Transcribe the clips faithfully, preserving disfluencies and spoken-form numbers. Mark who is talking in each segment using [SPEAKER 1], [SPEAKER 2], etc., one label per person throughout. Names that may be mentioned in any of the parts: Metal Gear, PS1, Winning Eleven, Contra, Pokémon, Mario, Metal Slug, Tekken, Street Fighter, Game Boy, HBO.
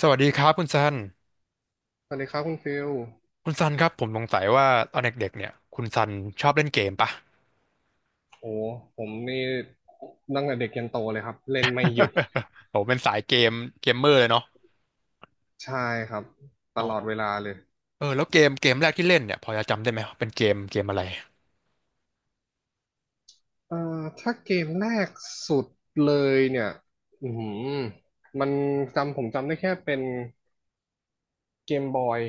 [SPEAKER 1] สวัสดีครับคุณซัน
[SPEAKER 2] สวัสดีครับคุณฟิล
[SPEAKER 1] คุณซันครับผมสงสัยว่าตอนเด็กๆเนี่ยคุณซันชอบเล่นเกมปะ
[SPEAKER 2] โอ้ผมนี่ตั้งแต่เด็กยันโตเลยครับเล่นไม่หยุด
[SPEAKER 1] ผมเป็นสายเกมเกมเมอร์เลยเนาะ
[SPEAKER 2] ใช่ครับต
[SPEAKER 1] อ๋อ
[SPEAKER 2] ลอดเวลาเลย
[SPEAKER 1] เออแล้วเกมเกมแรกที่เล่นเนี่ยพอจะจำได้ไหมว่าเป็นเกมเกมอะไร
[SPEAKER 2] เอ่อถ้าเกมแรกสุดเลยเนี่ยอือหือมันจำผมจำได้แค่เป็นเกมบอย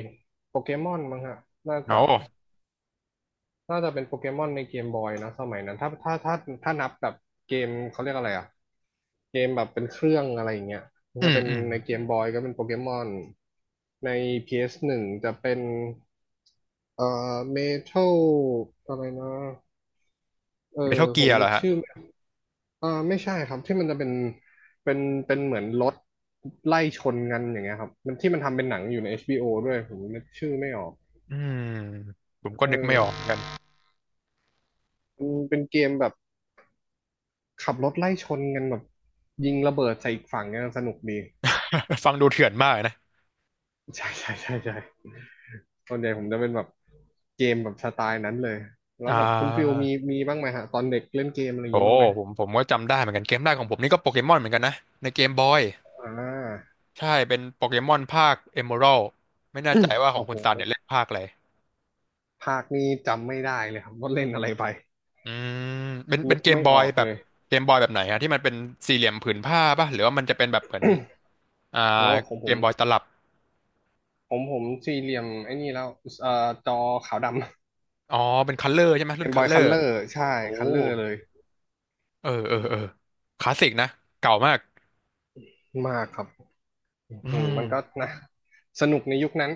[SPEAKER 2] โปเกมอนมั้งฮะน่า
[SPEAKER 1] อ๋อ
[SPEAKER 2] จะ น่าจะเป็นโปเกมอนในเกมบอยนะสมัยนั้นถ้าถ้าถ้าถ้านับแบบเกมเขาเรียกอะไรอ่ะเกมแบบเป็นเครื่องอะไรอย่างเงี้ยมัน
[SPEAKER 1] อื
[SPEAKER 2] ก็
[SPEAKER 1] ม
[SPEAKER 2] เป็น
[SPEAKER 1] อืม
[SPEAKER 2] ในเกมบอยก็เป็นโปเกมอนใน พี เอส หนึ่ง จะเป็นเอ่อเมทัลอะไรนะเอ
[SPEAKER 1] เม
[SPEAKER 2] อ
[SPEAKER 1] ทัล
[SPEAKER 2] ผ
[SPEAKER 1] เกีย
[SPEAKER 2] ม
[SPEAKER 1] ร์เหร
[SPEAKER 2] นึ
[SPEAKER 1] อ
[SPEAKER 2] ก
[SPEAKER 1] ฮะ
[SPEAKER 2] ชื่อไม่เอ่อไม่ใช่ครับที่มันจะเป็นเป็นเป็นเหมือนรถไล่ชนกันอย่างเงี้ยครับมันที่มันทำเป็นหนังอยู่ใน เอช บี โอ ด้วยผมนึกชื่อไม่ออก
[SPEAKER 1] อืมผมก็
[SPEAKER 2] เ
[SPEAKER 1] นึกไม่ออกเหมือน
[SPEAKER 2] ออ
[SPEAKER 1] กัน
[SPEAKER 2] มันเป็นเกมแบบ ขับรถไล่ชนกันแบบยิงระเบิดใส่อีกฝั่งเนี่ยสนุกดี
[SPEAKER 1] ฟังดูเถื่อนมากนะ
[SPEAKER 2] ใช่ใช่ใช่ใช่ตอนใหญ่ผมจะเป็นแบบเกมแบบสไตล์นั้นเลยแล้
[SPEAKER 1] อ่
[SPEAKER 2] วแบบคุณฟิล
[SPEAKER 1] า
[SPEAKER 2] มีมีบ้างไหมฮะตอนเด็กเล่นเกมอะไรอย่าง
[SPEAKER 1] โอ้
[SPEAKER 2] งี้บ้างไหม
[SPEAKER 1] ผมผมก็จำได้เหมือนกันเกมแรกของผมนี่ก็โปเกมอนเหมือนกันนะในเกมบอย
[SPEAKER 2] อ่า
[SPEAKER 1] ใช่เป็นโปเกมอนภาคเอ e ม a ร d ไม่แน่ใจว่าของ
[SPEAKER 2] โอ้
[SPEAKER 1] คุ
[SPEAKER 2] โห
[SPEAKER 1] ณซันเนี่ยเล่นภาคอะไร
[SPEAKER 2] ภาคนี้จำไม่ได้เลยครับว่าเล่นอะไรไป
[SPEAKER 1] อืมเป็นเป็
[SPEAKER 2] นึ
[SPEAKER 1] น
[SPEAKER 2] ก
[SPEAKER 1] เกม
[SPEAKER 2] ไม่
[SPEAKER 1] บอ
[SPEAKER 2] อ
[SPEAKER 1] ย
[SPEAKER 2] อก
[SPEAKER 1] แบ
[SPEAKER 2] เล
[SPEAKER 1] บ
[SPEAKER 2] ย
[SPEAKER 1] เกมบอยแบบไหนฮะที่มันเป็นสี่เหลี่ยมผืนผ้าป่ะหรือว่ามันจะเป็นแบบเหมือนอ่า
[SPEAKER 2] โอ้ของผ
[SPEAKER 1] เก
[SPEAKER 2] ม
[SPEAKER 1] มบอยตลับ
[SPEAKER 2] ผมผมสี่เหลี่ยมไอ้นี่แล้วเอ่อจอขาวดำ
[SPEAKER 1] อ๋อเป็นคัลเลอร์ใช่ไหม
[SPEAKER 2] เก
[SPEAKER 1] รุ่น
[SPEAKER 2] มบ
[SPEAKER 1] คัล
[SPEAKER 2] อย
[SPEAKER 1] เลอ
[SPEAKER 2] คัล
[SPEAKER 1] ร์
[SPEAKER 2] เลอร์ใช่
[SPEAKER 1] โอ้
[SPEAKER 2] คัลเลอร์เลย
[SPEAKER 1] เออเออเออคลาสสิกนะเก่ามาก
[SPEAKER 2] มากครับอื
[SPEAKER 1] อื
[SPEAKER 2] ม
[SPEAKER 1] ม
[SPEAKER 2] มันก็นะสนุกในยุคนั้น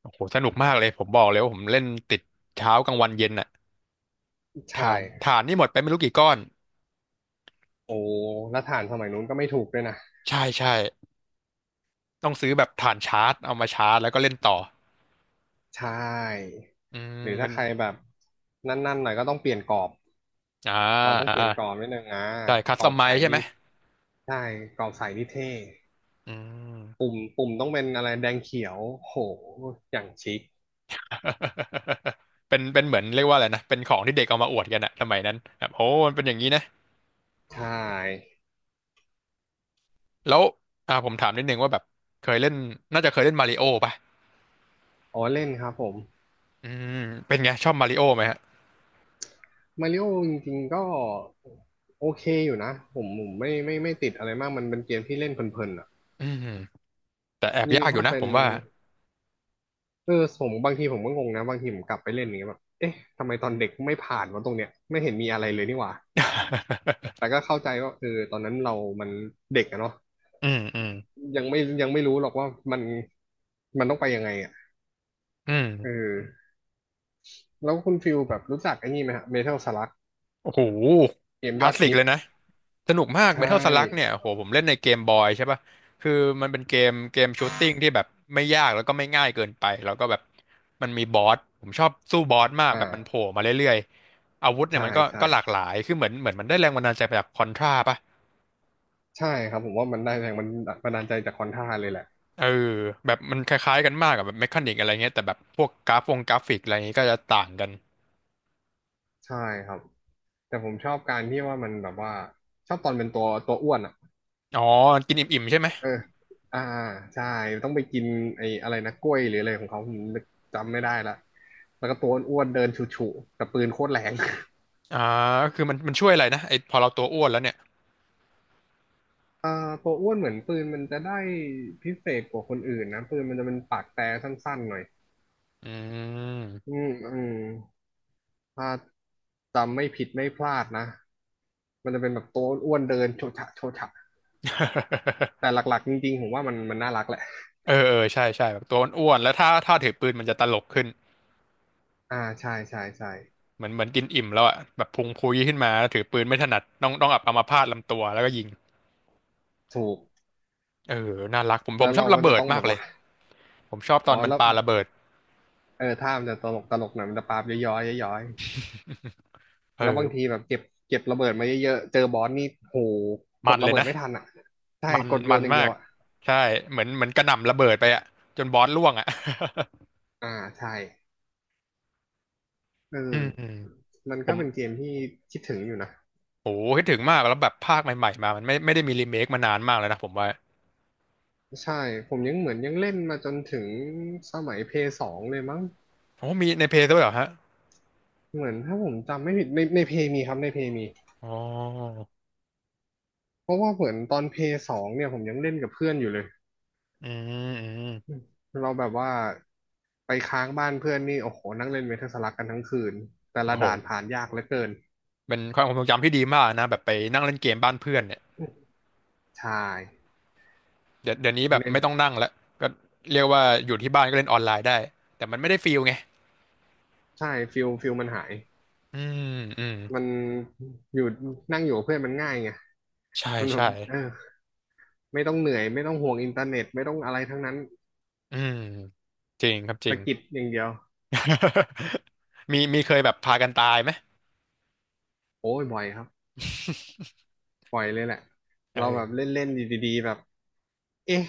[SPEAKER 1] โอ้โหสนุกมากเลยผมบอกเลยว่าผมเล่นติดเช้ากลางวันเย็นน่ะ
[SPEAKER 2] ใช่
[SPEAKER 1] ฐานฐานนี่หมดไปไม่รู้กี่ก้อน
[SPEAKER 2] โอ้แล้วถ่านสมัยนู้นก็ไม่ถูกด้วยนะ
[SPEAKER 1] ใช่ใช่ต้องซื้อแบบฐานชาร์จเอามาชาร์จแล้วก็เล่นต่อ
[SPEAKER 2] ใช่
[SPEAKER 1] อืม
[SPEAKER 2] หรือ
[SPEAKER 1] มั
[SPEAKER 2] ถ้า
[SPEAKER 1] น
[SPEAKER 2] ใครแบบนั่นๆหน่อยก็ต้องเปลี่ยนกรอบ
[SPEAKER 1] อ่า
[SPEAKER 2] เราต้อง
[SPEAKER 1] อ่า
[SPEAKER 2] เปลี่ยนกรอบนิดนึงอ่ะ
[SPEAKER 1] ใช่คัส
[SPEAKER 2] ก
[SPEAKER 1] ต
[SPEAKER 2] รอ
[SPEAKER 1] อม
[SPEAKER 2] บ
[SPEAKER 1] ไม
[SPEAKER 2] ใส
[SPEAKER 1] ซ์ใช่ไหม
[SPEAKER 2] นี่ใช่กรอบใสนี่เท่
[SPEAKER 1] อืม
[SPEAKER 2] ปุ่มปุ่มต้องเป็นอะไรแดงเขียวโหอย่างชิค
[SPEAKER 1] เป็นเป็นเหมือนเรียกว่าอะไรนะเป็นของที่เด็กเอามาอวดกันอะสมัยนั้นแบบโอ้มันเป็นอย่างนี้นะ
[SPEAKER 2] ใช่
[SPEAKER 1] แล้วอ่าผมถามนิดนึงว่าแบบเคยเล่นน่าจะเคยเล่นมาริโอป่ะ
[SPEAKER 2] อ๋อเล่นครับผม
[SPEAKER 1] อืมเป็นไงชอบมาริโอไหมฮะ
[SPEAKER 2] มาริโอจริงๆก็โอเคอยู่นะผมผมไม่ไม่ไม่ติดอะไรมากมันเป็นเกมที่เล่นเพลินๆอ่ะ
[SPEAKER 1] อืมแต่แอบ
[SPEAKER 2] ยิ่ง
[SPEAKER 1] ยากอ
[SPEAKER 2] ถ้า
[SPEAKER 1] ยู่นะ
[SPEAKER 2] เป็
[SPEAKER 1] ผ
[SPEAKER 2] น
[SPEAKER 1] มว่า
[SPEAKER 2] เออผมบางทีผมก็งงนะบางทีผมกลับไปเล่นอย่างเงี้ยแบบเอ๊ะทำไมตอนเด็กไม่ผ่านมาตรงเนี้ยไม่เห็นมีอะไรเลยนี่หว่าแต่ ก็เข้าใจว่าเออตอนนั้นเรามันเด็กอะเนาะ
[SPEAKER 1] อืมอืม
[SPEAKER 2] ยังไม่ยังไม่รู้หรอกว่ามันมันต้องไปยังไงอ่ะ
[SPEAKER 1] อืม
[SPEAKER 2] เออแล้วคุณฟิลแบบรู้จักไอ้นี่ไหมฮะเมทัลสลัก
[SPEAKER 1] โอ้โห
[SPEAKER 2] เกม
[SPEAKER 1] ค
[SPEAKER 2] ย
[SPEAKER 1] ลา
[SPEAKER 2] อ
[SPEAKER 1] ส
[SPEAKER 2] ด
[SPEAKER 1] สิก
[SPEAKER 2] ฮิต
[SPEAKER 1] เลยนะสนุกมาก
[SPEAKER 2] ใช่
[SPEAKER 1] Metal Slug เนี่ยโหผมเล่นในเกมบอยใช่ป่ะคือมันเป็นเกมเกมชูตติ้งที่แบบไม่ยากแล้วก็ไม่ง่ายเกินไปแล้วก็แบบมันมีบอสผมชอบสู้บอสมาก
[SPEAKER 2] อ
[SPEAKER 1] แบบมันโผล่
[SPEAKER 2] ่า
[SPEAKER 1] มาเรื่อย อาวุธเนี่ย
[SPEAKER 2] ใช่
[SPEAKER 1] มันก็
[SPEAKER 2] ใช่
[SPEAKER 1] ก็หลากหลาย คือเหมือนเหมือนมันได้แรงบันดาลใจมาจากคอนทราป่ะ
[SPEAKER 2] ใช่ครับผมว่ามันได้แรงมันบันดาลใจจากคอนท่าเลยแหละ
[SPEAKER 1] เออ แบบมันคล้ายๆกันมากกับแบบเมคานิกอะไรเงี้ยแต่แบบพวกกราฟวงกราฟิกอะไรเงี้ยก็จะต่างกัน
[SPEAKER 2] ใช่ครับแต่ผมชอบการที่ว่ามันแบบว่าชอบตอนเป็นตัวตัวอ้วนอ่ะ
[SPEAKER 1] อ๋อกินอิ่มๆใช่ไหม
[SPEAKER 2] เอออ่าใช่ต้องไปกินไอ้อะไรนะกล้วยหรืออะไรของเขาผมจำไม่ได้ละแล้วก็ตัวอ้วนๆเดินฉุๆแต่ปืนโคตรแรง
[SPEAKER 1] อ่าก็คือมันมันช่วยอะไรนะไอพอเราตัวอ้วนแล้วเนี่ย
[SPEAKER 2] เอ่อตัวอ้วนเหมือนปืนมันจะได้พิเศษกว่าคนอื่นนะปืนมันจะเป็นปากแต่สั้นๆหน่อย
[SPEAKER 1] อื
[SPEAKER 2] อื
[SPEAKER 1] ม
[SPEAKER 2] ม อืม ถ้าจำไม่ผิดไม่พลาดนะมันจะเป็นแบบตัวอ้วนๆเดินโชฉะโชฉะ แต่หลักๆจริงๆผมว่ามันมันน่ารักแหละ
[SPEAKER 1] เออ เออ ใช่ใช่แบบตัวอ้วนๆแล้วถ้าถ้าถือปืนมันจะตลกขึ้น
[SPEAKER 2] อ่าใช่ใช่ใช่
[SPEAKER 1] เหมือนเหมือนกินอิ่มแล้วอะแบบพุงพุยขึ้นมาแล้วถือปืนไม่ถนัดต้องต้องอับอัมพาตลำตัวแล้วก็ยิง
[SPEAKER 2] ถูก
[SPEAKER 1] เออน่ารักผมผ
[SPEAKER 2] แล้
[SPEAKER 1] ม
[SPEAKER 2] ว
[SPEAKER 1] ชอ
[SPEAKER 2] เรา
[SPEAKER 1] บ
[SPEAKER 2] ก็
[SPEAKER 1] ระ
[SPEAKER 2] จะ
[SPEAKER 1] เบิด
[SPEAKER 2] ต้องแบ
[SPEAKER 1] มาก
[SPEAKER 2] บ
[SPEAKER 1] เลย
[SPEAKER 2] ว่า
[SPEAKER 1] ผมชอบต
[SPEAKER 2] อ๋
[SPEAKER 1] อ
[SPEAKER 2] อ
[SPEAKER 1] นมัน
[SPEAKER 2] แล้ว
[SPEAKER 1] ปาระเบิด
[SPEAKER 2] เออถ้ามันจะตลกตลกหน่อยมันจะปาบย้อยย้อยๆย้อย
[SPEAKER 1] เอ
[SPEAKER 2] ๆแล้วบาง
[SPEAKER 1] อ
[SPEAKER 2] ทีแบบเก็บเก็บระเบิดมาเยอะๆเจอบอสนี่โหก
[SPEAKER 1] มั
[SPEAKER 2] ด
[SPEAKER 1] นเล
[SPEAKER 2] ระ
[SPEAKER 1] ย
[SPEAKER 2] เบิด
[SPEAKER 1] นะ
[SPEAKER 2] ไม่ทันอ่ะใช่
[SPEAKER 1] มัน
[SPEAKER 2] กดโย
[SPEAKER 1] มั
[SPEAKER 2] น
[SPEAKER 1] น
[SPEAKER 2] อย่าง
[SPEAKER 1] มา
[SPEAKER 2] เดียว
[SPEAKER 1] ก
[SPEAKER 2] อ่ะ
[SPEAKER 1] ใช่เหมือนเหมือนกระหน่ำระเบิดไปอะจนบอสล่วงอะ
[SPEAKER 2] อ่าใช่เอ
[SPEAKER 1] อื
[SPEAKER 2] อ
[SPEAKER 1] ม อืม
[SPEAKER 2] มัน
[SPEAKER 1] ผ
[SPEAKER 2] ก็
[SPEAKER 1] ม
[SPEAKER 2] เป็นเกมที่คิดถึงอยู่นะ
[SPEAKER 1] โอ้คิดถึงมากแล้วแบบภาคใหม่ๆมามันไม่ไม่ได้มีรีเมคมานานมากแล้วนะผมว่า
[SPEAKER 2] ใช่ผมยังเหมือนยังเล่นมาจนถึงสมัยเพย์สองเลยมั้ง
[SPEAKER 1] โอ้มีในเพลย์ด้วยเหรอฮะ
[SPEAKER 2] เหมือนถ้าผมจำไม่ผิดในในเพย์มีครับในเพย์มี
[SPEAKER 1] อ๋อ
[SPEAKER 2] เพราะว่าเหมือนตอนเพย์สองเนี่ยผมยังเล่นกับเพื่อนอยู่เลย
[SPEAKER 1] อืมอืม
[SPEAKER 2] อืมเราแบบว่าไปค้างบ้านเพื่อนนี่โอ้โหนั่งเล่นเมทัลสลักกันทั้งคืนแต่ละ
[SPEAKER 1] โอ้โห
[SPEAKER 2] ด่านผ่านยากเหลือเกิน
[SPEAKER 1] เป็นความทรงจำที่ดีมากนะแบบไปนั่งเล่นเกมบ้านเพื่อนเนี่ย
[SPEAKER 2] ใช่
[SPEAKER 1] เดี๋ยวเดี๋ยวนี้แบบ
[SPEAKER 2] เน้น
[SPEAKER 1] ไม่ต้องนั่งแล้วก็เรียกว่าอยู่ที่บ้านก็เล่นออนไลน์ได้แต่มันไม่ได้ฟีลไง
[SPEAKER 2] ใช่ฟิลฟิลมันหาย
[SPEAKER 1] อืมอืม
[SPEAKER 2] มันอยู่นั่งอยู่กับเพื่อนมันง่ายไง
[SPEAKER 1] ใช่
[SPEAKER 2] มันแบ
[SPEAKER 1] ใช่
[SPEAKER 2] บเออไม่ต้องเหนื่อยไม่ต้องห่วงอินเทอร์เน็ตไม่ต้องอะไรทั้งนั้น
[SPEAKER 1] อืมจริงครับจริ
[SPEAKER 2] สะ
[SPEAKER 1] ง
[SPEAKER 2] กิดอย่างเดียว
[SPEAKER 1] มีมีเคยแบบพากันตายไหม
[SPEAKER 2] โอ้ยบ่อยครับบ่อยเลยแหละเราแบบเล่
[SPEAKER 1] เออ
[SPEAKER 2] นเล่นดีๆแบบเอ๊ะ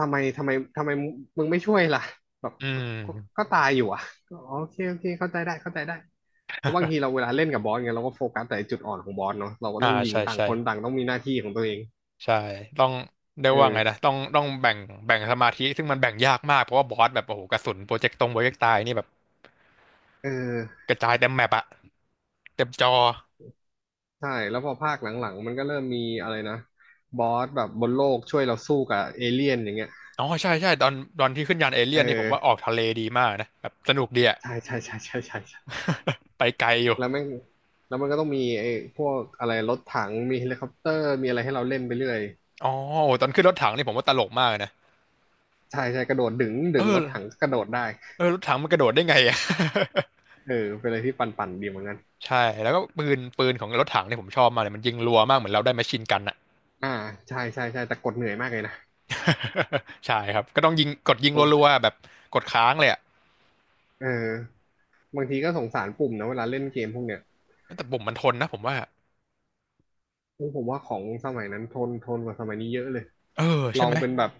[SPEAKER 2] ทำไมทำไมทำไมมึงไม่ช่วยล่ะแบบ
[SPEAKER 1] อื
[SPEAKER 2] ก็ก็
[SPEAKER 1] ม
[SPEAKER 2] ก็ตายอยู่อ่ะก็อ๋อโอเคโอเคเข้าใจได้เข้าใจได้ เพราะบางทีเราเวลาเล่นกับบอสเงี้ยเราก็โฟกัสแต่จุดอ่อนของบอสเนาะเราก็
[SPEAKER 1] อ่า
[SPEAKER 2] ต้องยิง
[SPEAKER 1] ใช่
[SPEAKER 2] ต่าง
[SPEAKER 1] ใช่
[SPEAKER 2] คนต่างต้องมีหน้าที่ของตัวเอง
[SPEAKER 1] ใช่ต้องเรียกว่าไงนะ
[SPEAKER 2] เออ
[SPEAKER 1] ต้องต้องแบ่งแบ่งสมาธิซึ่งมันแบ่งยากมากเพราะว่าบอสแบบโอ้โหกระสุนโปรเจกต์ตรงโปรเจกต์ตายนี่แบบ
[SPEAKER 2] เออ
[SPEAKER 1] กระจายเต็มแมปอะเต็มจอ
[SPEAKER 2] ใช่แล้วพอภาคหลังๆมันก็เริ่มมีอะไรนะบอสแบบบนโลกช่วยเราสู้กับเอเลี่ยนอย่างเงี้ย
[SPEAKER 1] อ๋อใช่ใช่ตอนตอนที่ขึ้นยานเอ
[SPEAKER 2] เ
[SPEAKER 1] เลี่ยนนี่ผมว่าออก
[SPEAKER 2] ออ
[SPEAKER 1] ทะเลดีมากนะแบบสนุกดีอะ
[SPEAKER 2] ใช่ใช่ใช่ใช่ใช่ใช่
[SPEAKER 1] ไปไกลอยู่
[SPEAKER 2] แล้วแม่งแล้วมันก็ต้องมีไอ้พวกอะไรรถถังมีเฮลิคอปเตอร์มีอะไรให้เราเล่นไปเรื่อย
[SPEAKER 1] อ๋อโอ้ตอนขึ้นรถถังนี่ผมว่าตลกมากนะ
[SPEAKER 2] ใช่ใช่กระโดดดึงดึ
[SPEAKER 1] เอ
[SPEAKER 2] งร
[SPEAKER 1] อ
[SPEAKER 2] ถถังกระโดดได้
[SPEAKER 1] เออรถถังมันกระโดดได้ไงอะ
[SPEAKER 2] เออเป็นอะไรที่ปั่นๆดีเหมือนกัน
[SPEAKER 1] ใช่แล้วก็ปืนปืนของรถถังเนี่ยผมชอบมากเลยมันยิงรัวมากเหมือนเราได้แมชชีนกันอะ
[SPEAKER 2] อ่าใช่ใช่ใช่แต่กดเหนื่อยมากเลยนะ
[SPEAKER 1] ใช่ครับก็ต้องยิงกดยิง
[SPEAKER 2] ตร
[SPEAKER 1] รัว
[SPEAKER 2] ง
[SPEAKER 1] ๆแบบกดค้างเลยอะ
[SPEAKER 2] เออ บางทีก็สงสารปุ่มนะเวลาเล่นเกมพวกเนี้ย
[SPEAKER 1] แต่ผมมันทนนะผมว่า
[SPEAKER 2] โอ้ผมว่าของสมัยนั้นทนทนกว่าสมัยนี้เยอะเลย
[SPEAKER 1] เออ
[SPEAKER 2] ล
[SPEAKER 1] ใช่
[SPEAKER 2] อ
[SPEAKER 1] ไห
[SPEAKER 2] ง
[SPEAKER 1] ม
[SPEAKER 2] เป็นแบบ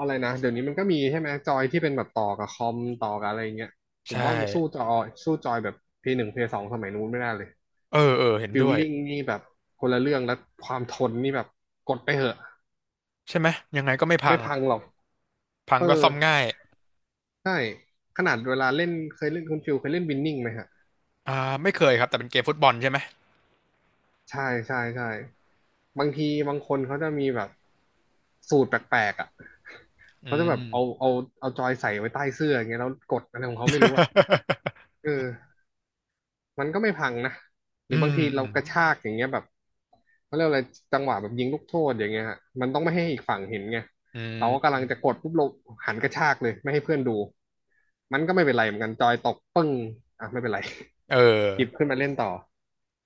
[SPEAKER 2] อะไรนะ เดี๋ยวนี้มันก็มีใช่ไหมจอยที่เป็นแบบต่อกับคอมต่อกับอะไรอย่างเงี้ยผม
[SPEAKER 1] ใช่
[SPEAKER 2] ว่ามันสู้จอยสู้จอยแบบ พี วัน พี ทู สองสมัยนู้นไม่ได้เลย
[SPEAKER 1] เออเออเห็น
[SPEAKER 2] ฟิ
[SPEAKER 1] ด้
[SPEAKER 2] ล
[SPEAKER 1] วย
[SPEAKER 2] ลิ่งนี่แบบคนละเรื่องแล้วความทนนี่แบบกดไปเหอะ
[SPEAKER 1] ใช่ไหมยังไงก็ไม่พั
[SPEAKER 2] ไม่
[SPEAKER 1] ง
[SPEAKER 2] พังหรอก
[SPEAKER 1] พั
[SPEAKER 2] เอ
[SPEAKER 1] ง
[SPEAKER 2] อ
[SPEAKER 1] ก็ซ่อมง่าย
[SPEAKER 2] ใช่ขนาดเวลาเล่นเคยเล่นคุณฟิลเคยเล่นวินนิ่งไหมฮะ
[SPEAKER 1] อ่าไม่เคยครับแต่เป็นเกมฟุตบอลใช่ไหม
[SPEAKER 2] ใช่ใช่ใช่บางทีบางคนเขาจะมีแบบสูตรแปลกๆอ่ะ
[SPEAKER 1] อื
[SPEAKER 2] เขาจะแบ
[SPEAKER 1] ม
[SPEAKER 2] บเอาเอาเอาจอยใส่ไว้ใต้เสื้ออย่างเงี้ยแล้วกดอะไรของเขาไม่รู้อ่ะ เออมันก็ไม่พังนะห
[SPEAKER 1] อื
[SPEAKER 2] รือบา
[SPEAKER 1] ม
[SPEAKER 2] งที
[SPEAKER 1] อื
[SPEAKER 2] เรา
[SPEAKER 1] ม
[SPEAKER 2] กระชากอย่างเงี้ยแบบเขาเรียกอะไรจังหวะแบบยิงลูกโทษอย่างเงี้ยฮะมันต้องไม่ให้อีกฝั่งเห็นไง
[SPEAKER 1] อื
[SPEAKER 2] เราก็กำลั
[SPEAKER 1] ม
[SPEAKER 2] งจะกดปุ๊บเราหันกระชากเลยไม่ให้เพื่อนดูมันก็ไม่เป็นไรเหมือนกันจอยตกปึ้งอ่ะไม่เป็นไร
[SPEAKER 1] เอ
[SPEAKER 2] หยิบ
[SPEAKER 1] อ
[SPEAKER 2] ขึ้นมาเล่นต่อ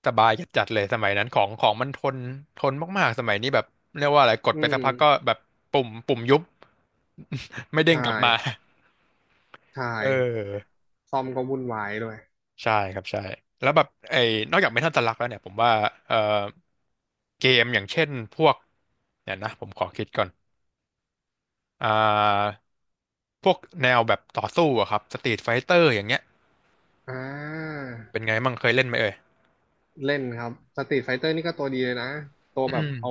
[SPEAKER 1] สบายจัดๆเลยสมัยนั้นของของมันทนทนมากๆสมัยนี้แบบเรียกว่าอะไรกด
[SPEAKER 2] อื
[SPEAKER 1] ไปสักพักก็
[SPEAKER 2] ม
[SPEAKER 1] แบบปุ่มปุ่มยุบ ไม่เด้ง
[SPEAKER 2] ใช่
[SPEAKER 1] กลับมา
[SPEAKER 2] ใช่
[SPEAKER 1] เออ
[SPEAKER 2] ซอมก็วุ่นวายด้วย
[SPEAKER 1] ใช่ครับใช่แล้วแบบไอ้นอกจากเมทัลสลักแล้วเนี่ยผมว่าเอ่อเกมอย่างเช่นพวกเนี่ยนะผมขอคิดก่อนอ่าพวกแนวแบบต่อสู้อะครับสตรีทไฟเตอร์อย่างเงี้ย
[SPEAKER 2] อ่า
[SPEAKER 1] เป็นไงมั่งเคยเล่นไหมเอ่ย
[SPEAKER 2] เล่นครับสตรีทไฟเตอร์นี่ก็ตัวดีเลยนะ ตัว
[SPEAKER 1] อื
[SPEAKER 2] แบบ
[SPEAKER 1] ม
[SPEAKER 2] เอา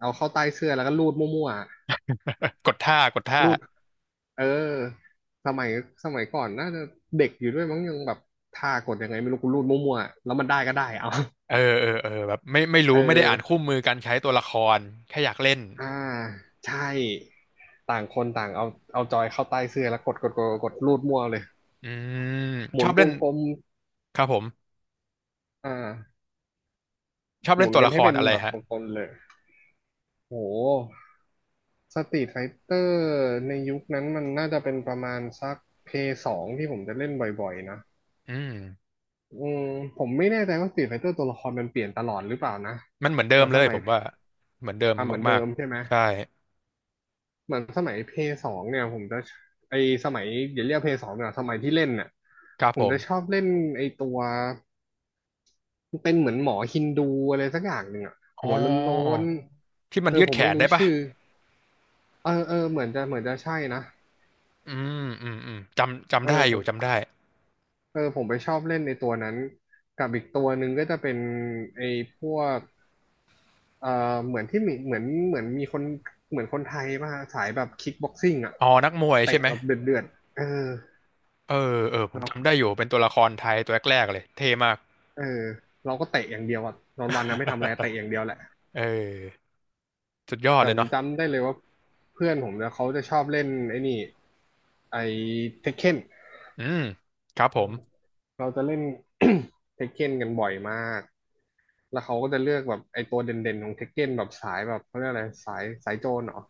[SPEAKER 2] เอาเข้าใต้เสื้อแล้วก็รูดมั่วๆอะ
[SPEAKER 1] กดท่ากดท่า
[SPEAKER 2] รูดเออสมัยสมัยก่อนน่าจะเด็กอยู่ด้วยมั้งยังแบบท่ากดยังไงไม่รู้กูรูดมั่วๆอะแล้วมันได้ก็ได้ เอา
[SPEAKER 1] เออเออเออแบบไม่ไม่
[SPEAKER 2] เอ
[SPEAKER 1] รู้ไม่ได้อ่านคู่
[SPEAKER 2] อ
[SPEAKER 1] มือการใช้ตัวละครแค่อยากเล่น
[SPEAKER 2] อ่าใช่ ต่างคนต่างเอาเอาจอยเข้าใต้เสื้อแล้วกดกดกดกดรูดมั่วเลย
[SPEAKER 1] อืม
[SPEAKER 2] ห
[SPEAKER 1] ช
[SPEAKER 2] มุ
[SPEAKER 1] อ
[SPEAKER 2] น
[SPEAKER 1] บ
[SPEAKER 2] ว
[SPEAKER 1] เล่น
[SPEAKER 2] งกลม
[SPEAKER 1] ครับผม
[SPEAKER 2] อ่า
[SPEAKER 1] ชอบ
[SPEAKER 2] ห
[SPEAKER 1] เล่
[SPEAKER 2] มุ
[SPEAKER 1] น
[SPEAKER 2] น
[SPEAKER 1] ตัว
[SPEAKER 2] กัน
[SPEAKER 1] ละค
[SPEAKER 2] ให้
[SPEAKER 1] ร
[SPEAKER 2] เป็น
[SPEAKER 1] อะไร
[SPEAKER 2] แบบ
[SPEAKER 1] ฮะ
[SPEAKER 2] วงกลมเลยโห สตรีทไฟเตอร์ในยุคนั้นมันน่าจะเป็นประมาณสักเพย์สองที่ผมจะเล่นบ่อยๆนะ
[SPEAKER 1] อืม
[SPEAKER 2] อืมผมไม่แน่ใจว่าสตรีทไฟเตอร์ตัวละครมันเปลี่ยนตลอดหรือเปล่านะ
[SPEAKER 1] มันเหมือนเดิ
[SPEAKER 2] แต่
[SPEAKER 1] มเล
[SPEAKER 2] ส
[SPEAKER 1] ย
[SPEAKER 2] มั
[SPEAKER 1] ผ
[SPEAKER 2] ย
[SPEAKER 1] มว่าเหมือนเดิม
[SPEAKER 2] อ่ะเหมือนเดิ
[SPEAKER 1] มาก
[SPEAKER 2] มใช่ไหม
[SPEAKER 1] ๆใช่
[SPEAKER 2] เหมือนสมัยเพย์สองเนี่ยผมจะไอสมัยอย่าเรียกเพย์สองเนี่ยสมัยที่เล่นเนี่ย
[SPEAKER 1] ครับ
[SPEAKER 2] ผ
[SPEAKER 1] ผ
[SPEAKER 2] มจะชอ
[SPEAKER 1] ม
[SPEAKER 2] บเล่นไอตัวเป็นเหมือนหมอฮินดูอะไรสักอย่างหนึ่งอะ
[SPEAKER 1] อ๋
[SPEAKER 2] หั
[SPEAKER 1] อ
[SPEAKER 2] วโล้น
[SPEAKER 1] ที่
[SPEAKER 2] ๆ
[SPEAKER 1] มั
[SPEAKER 2] เอ
[SPEAKER 1] น
[SPEAKER 2] อ
[SPEAKER 1] ยืด
[SPEAKER 2] ผม
[SPEAKER 1] แข
[SPEAKER 2] ไม่
[SPEAKER 1] น
[SPEAKER 2] รู้
[SPEAKER 1] ได้ปะ
[SPEAKER 2] ชื่อเออเออเหมือนจะเหมือนจะใช่นะ
[SPEAKER 1] อืมอืมอืมจำ
[SPEAKER 2] เอ
[SPEAKER 1] จำได้
[SPEAKER 2] อ
[SPEAKER 1] อ
[SPEAKER 2] ผ
[SPEAKER 1] ยู่
[SPEAKER 2] ม
[SPEAKER 1] จำได้
[SPEAKER 2] เออผมไปชอบเล่นในตัวนั้น กับอีกตัวหนึ่งก็จะเป็นไอ้พวกเอ่อเหมือนที่มีเหมือนเหมือนมีคนเหมือนคนไทยมาสายแบบคิกบ็อกซิ่งอ่ะ
[SPEAKER 1] อ๋อนักมวย
[SPEAKER 2] เตะ
[SPEAKER 1] ใช่ไหม
[SPEAKER 2] แบบเดือดเดือดเออ
[SPEAKER 1] เออเออ ผมจำ
[SPEAKER 2] เรา
[SPEAKER 1] ได้อยู่เป็นตัวละครไทยตัวแรกๆเลยเท่มาก
[SPEAKER 2] เออเราก็เตะอย่างเดียวอ่ะนอนวันนะไม่ทำอะไรเตะ อย่างเดียวแหละ
[SPEAKER 1] เออสุดยอด
[SPEAKER 2] แต่
[SPEAKER 1] เล
[SPEAKER 2] ผ
[SPEAKER 1] ย
[SPEAKER 2] ม
[SPEAKER 1] เนาะ
[SPEAKER 2] จำได้เลยว่าเพื่อนผมเนี่ยเขาจะชอบเล่นไอ้นี่ไอ้เทคเ e น
[SPEAKER 1] อืมครับผม
[SPEAKER 2] เราจะเล่น เทคเ e นกันบ่อยมาก แล้วเขาก็จะเลือกแบบไอ้ตัวเด่นๆของเทคเก้นแบบสายแบบเขาเรียกอะไรสายสายโจรเหรอ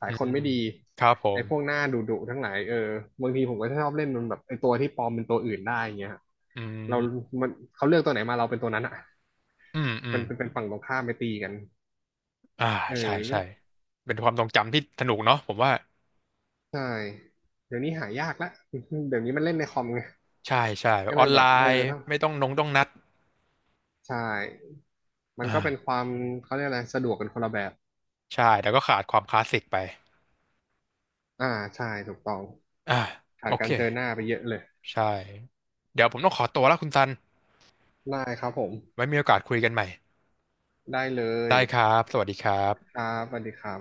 [SPEAKER 2] สาย
[SPEAKER 1] อื
[SPEAKER 2] คน
[SPEAKER 1] ม
[SPEAKER 2] ไม่ดี
[SPEAKER 1] ครับผ
[SPEAKER 2] ไอ้
[SPEAKER 1] ม
[SPEAKER 2] พวกหน้าดุๆทั้งหลายเออบางทีผมก็ชอบเล่นมันแบบไอ้ตัวที่ปลอมเป็นตัวอื่นได้อย่างเงี้ยฮะ
[SPEAKER 1] อื
[SPEAKER 2] เรา
[SPEAKER 1] ม
[SPEAKER 2] มันเขาเลือกตัวไหนมาเราเป็นตัวนั้นอ่ะ
[SPEAKER 1] อืมอืม
[SPEAKER 2] มันเป็นเป็นฝั่งตรงข้ามไปตีกัน
[SPEAKER 1] อ่า
[SPEAKER 2] เออ
[SPEAKER 1] ใช่
[SPEAKER 2] ก็
[SPEAKER 1] ใช่เป็นความทรงจำที่สนุกเนาะผมว่า
[SPEAKER 2] ใช่เดี๋ยวนี้หายากละ เดี๋ยวนี้มันเล่นในคอมไง
[SPEAKER 1] ใช่ใช่แบ
[SPEAKER 2] ก็
[SPEAKER 1] บอ
[SPEAKER 2] เล
[SPEAKER 1] อ
[SPEAKER 2] ย
[SPEAKER 1] น
[SPEAKER 2] แบ
[SPEAKER 1] ไล
[SPEAKER 2] บเออ
[SPEAKER 1] น์
[SPEAKER 2] ต้อง
[SPEAKER 1] ไม่ต้องนงต้องนัด
[SPEAKER 2] ใช่มันก็เป็น
[SPEAKER 1] อ่า
[SPEAKER 2] ความเขาเรียกอะไรสะดวกกันคนละแบบ
[SPEAKER 1] ใช่แต่ก็ขาดความคลาสสิกไป
[SPEAKER 2] อ่าใช่ถูกต้อง
[SPEAKER 1] อ่า
[SPEAKER 2] ขา
[SPEAKER 1] โอ
[SPEAKER 2] ด
[SPEAKER 1] เค
[SPEAKER 2] การเจอหน้าไปเยอะเลย
[SPEAKER 1] ใช่เดี๋ยวผมต้องขอตัวแล้วคุณซัน
[SPEAKER 2] ได้ครับผม
[SPEAKER 1] ไว้มีโอกาสคุยกันใหม่
[SPEAKER 2] ได้เลย
[SPEAKER 1] ได้ครับสวัสดีครั
[SPEAKER 2] ค
[SPEAKER 1] บ
[SPEAKER 2] รับสวัสดีครับ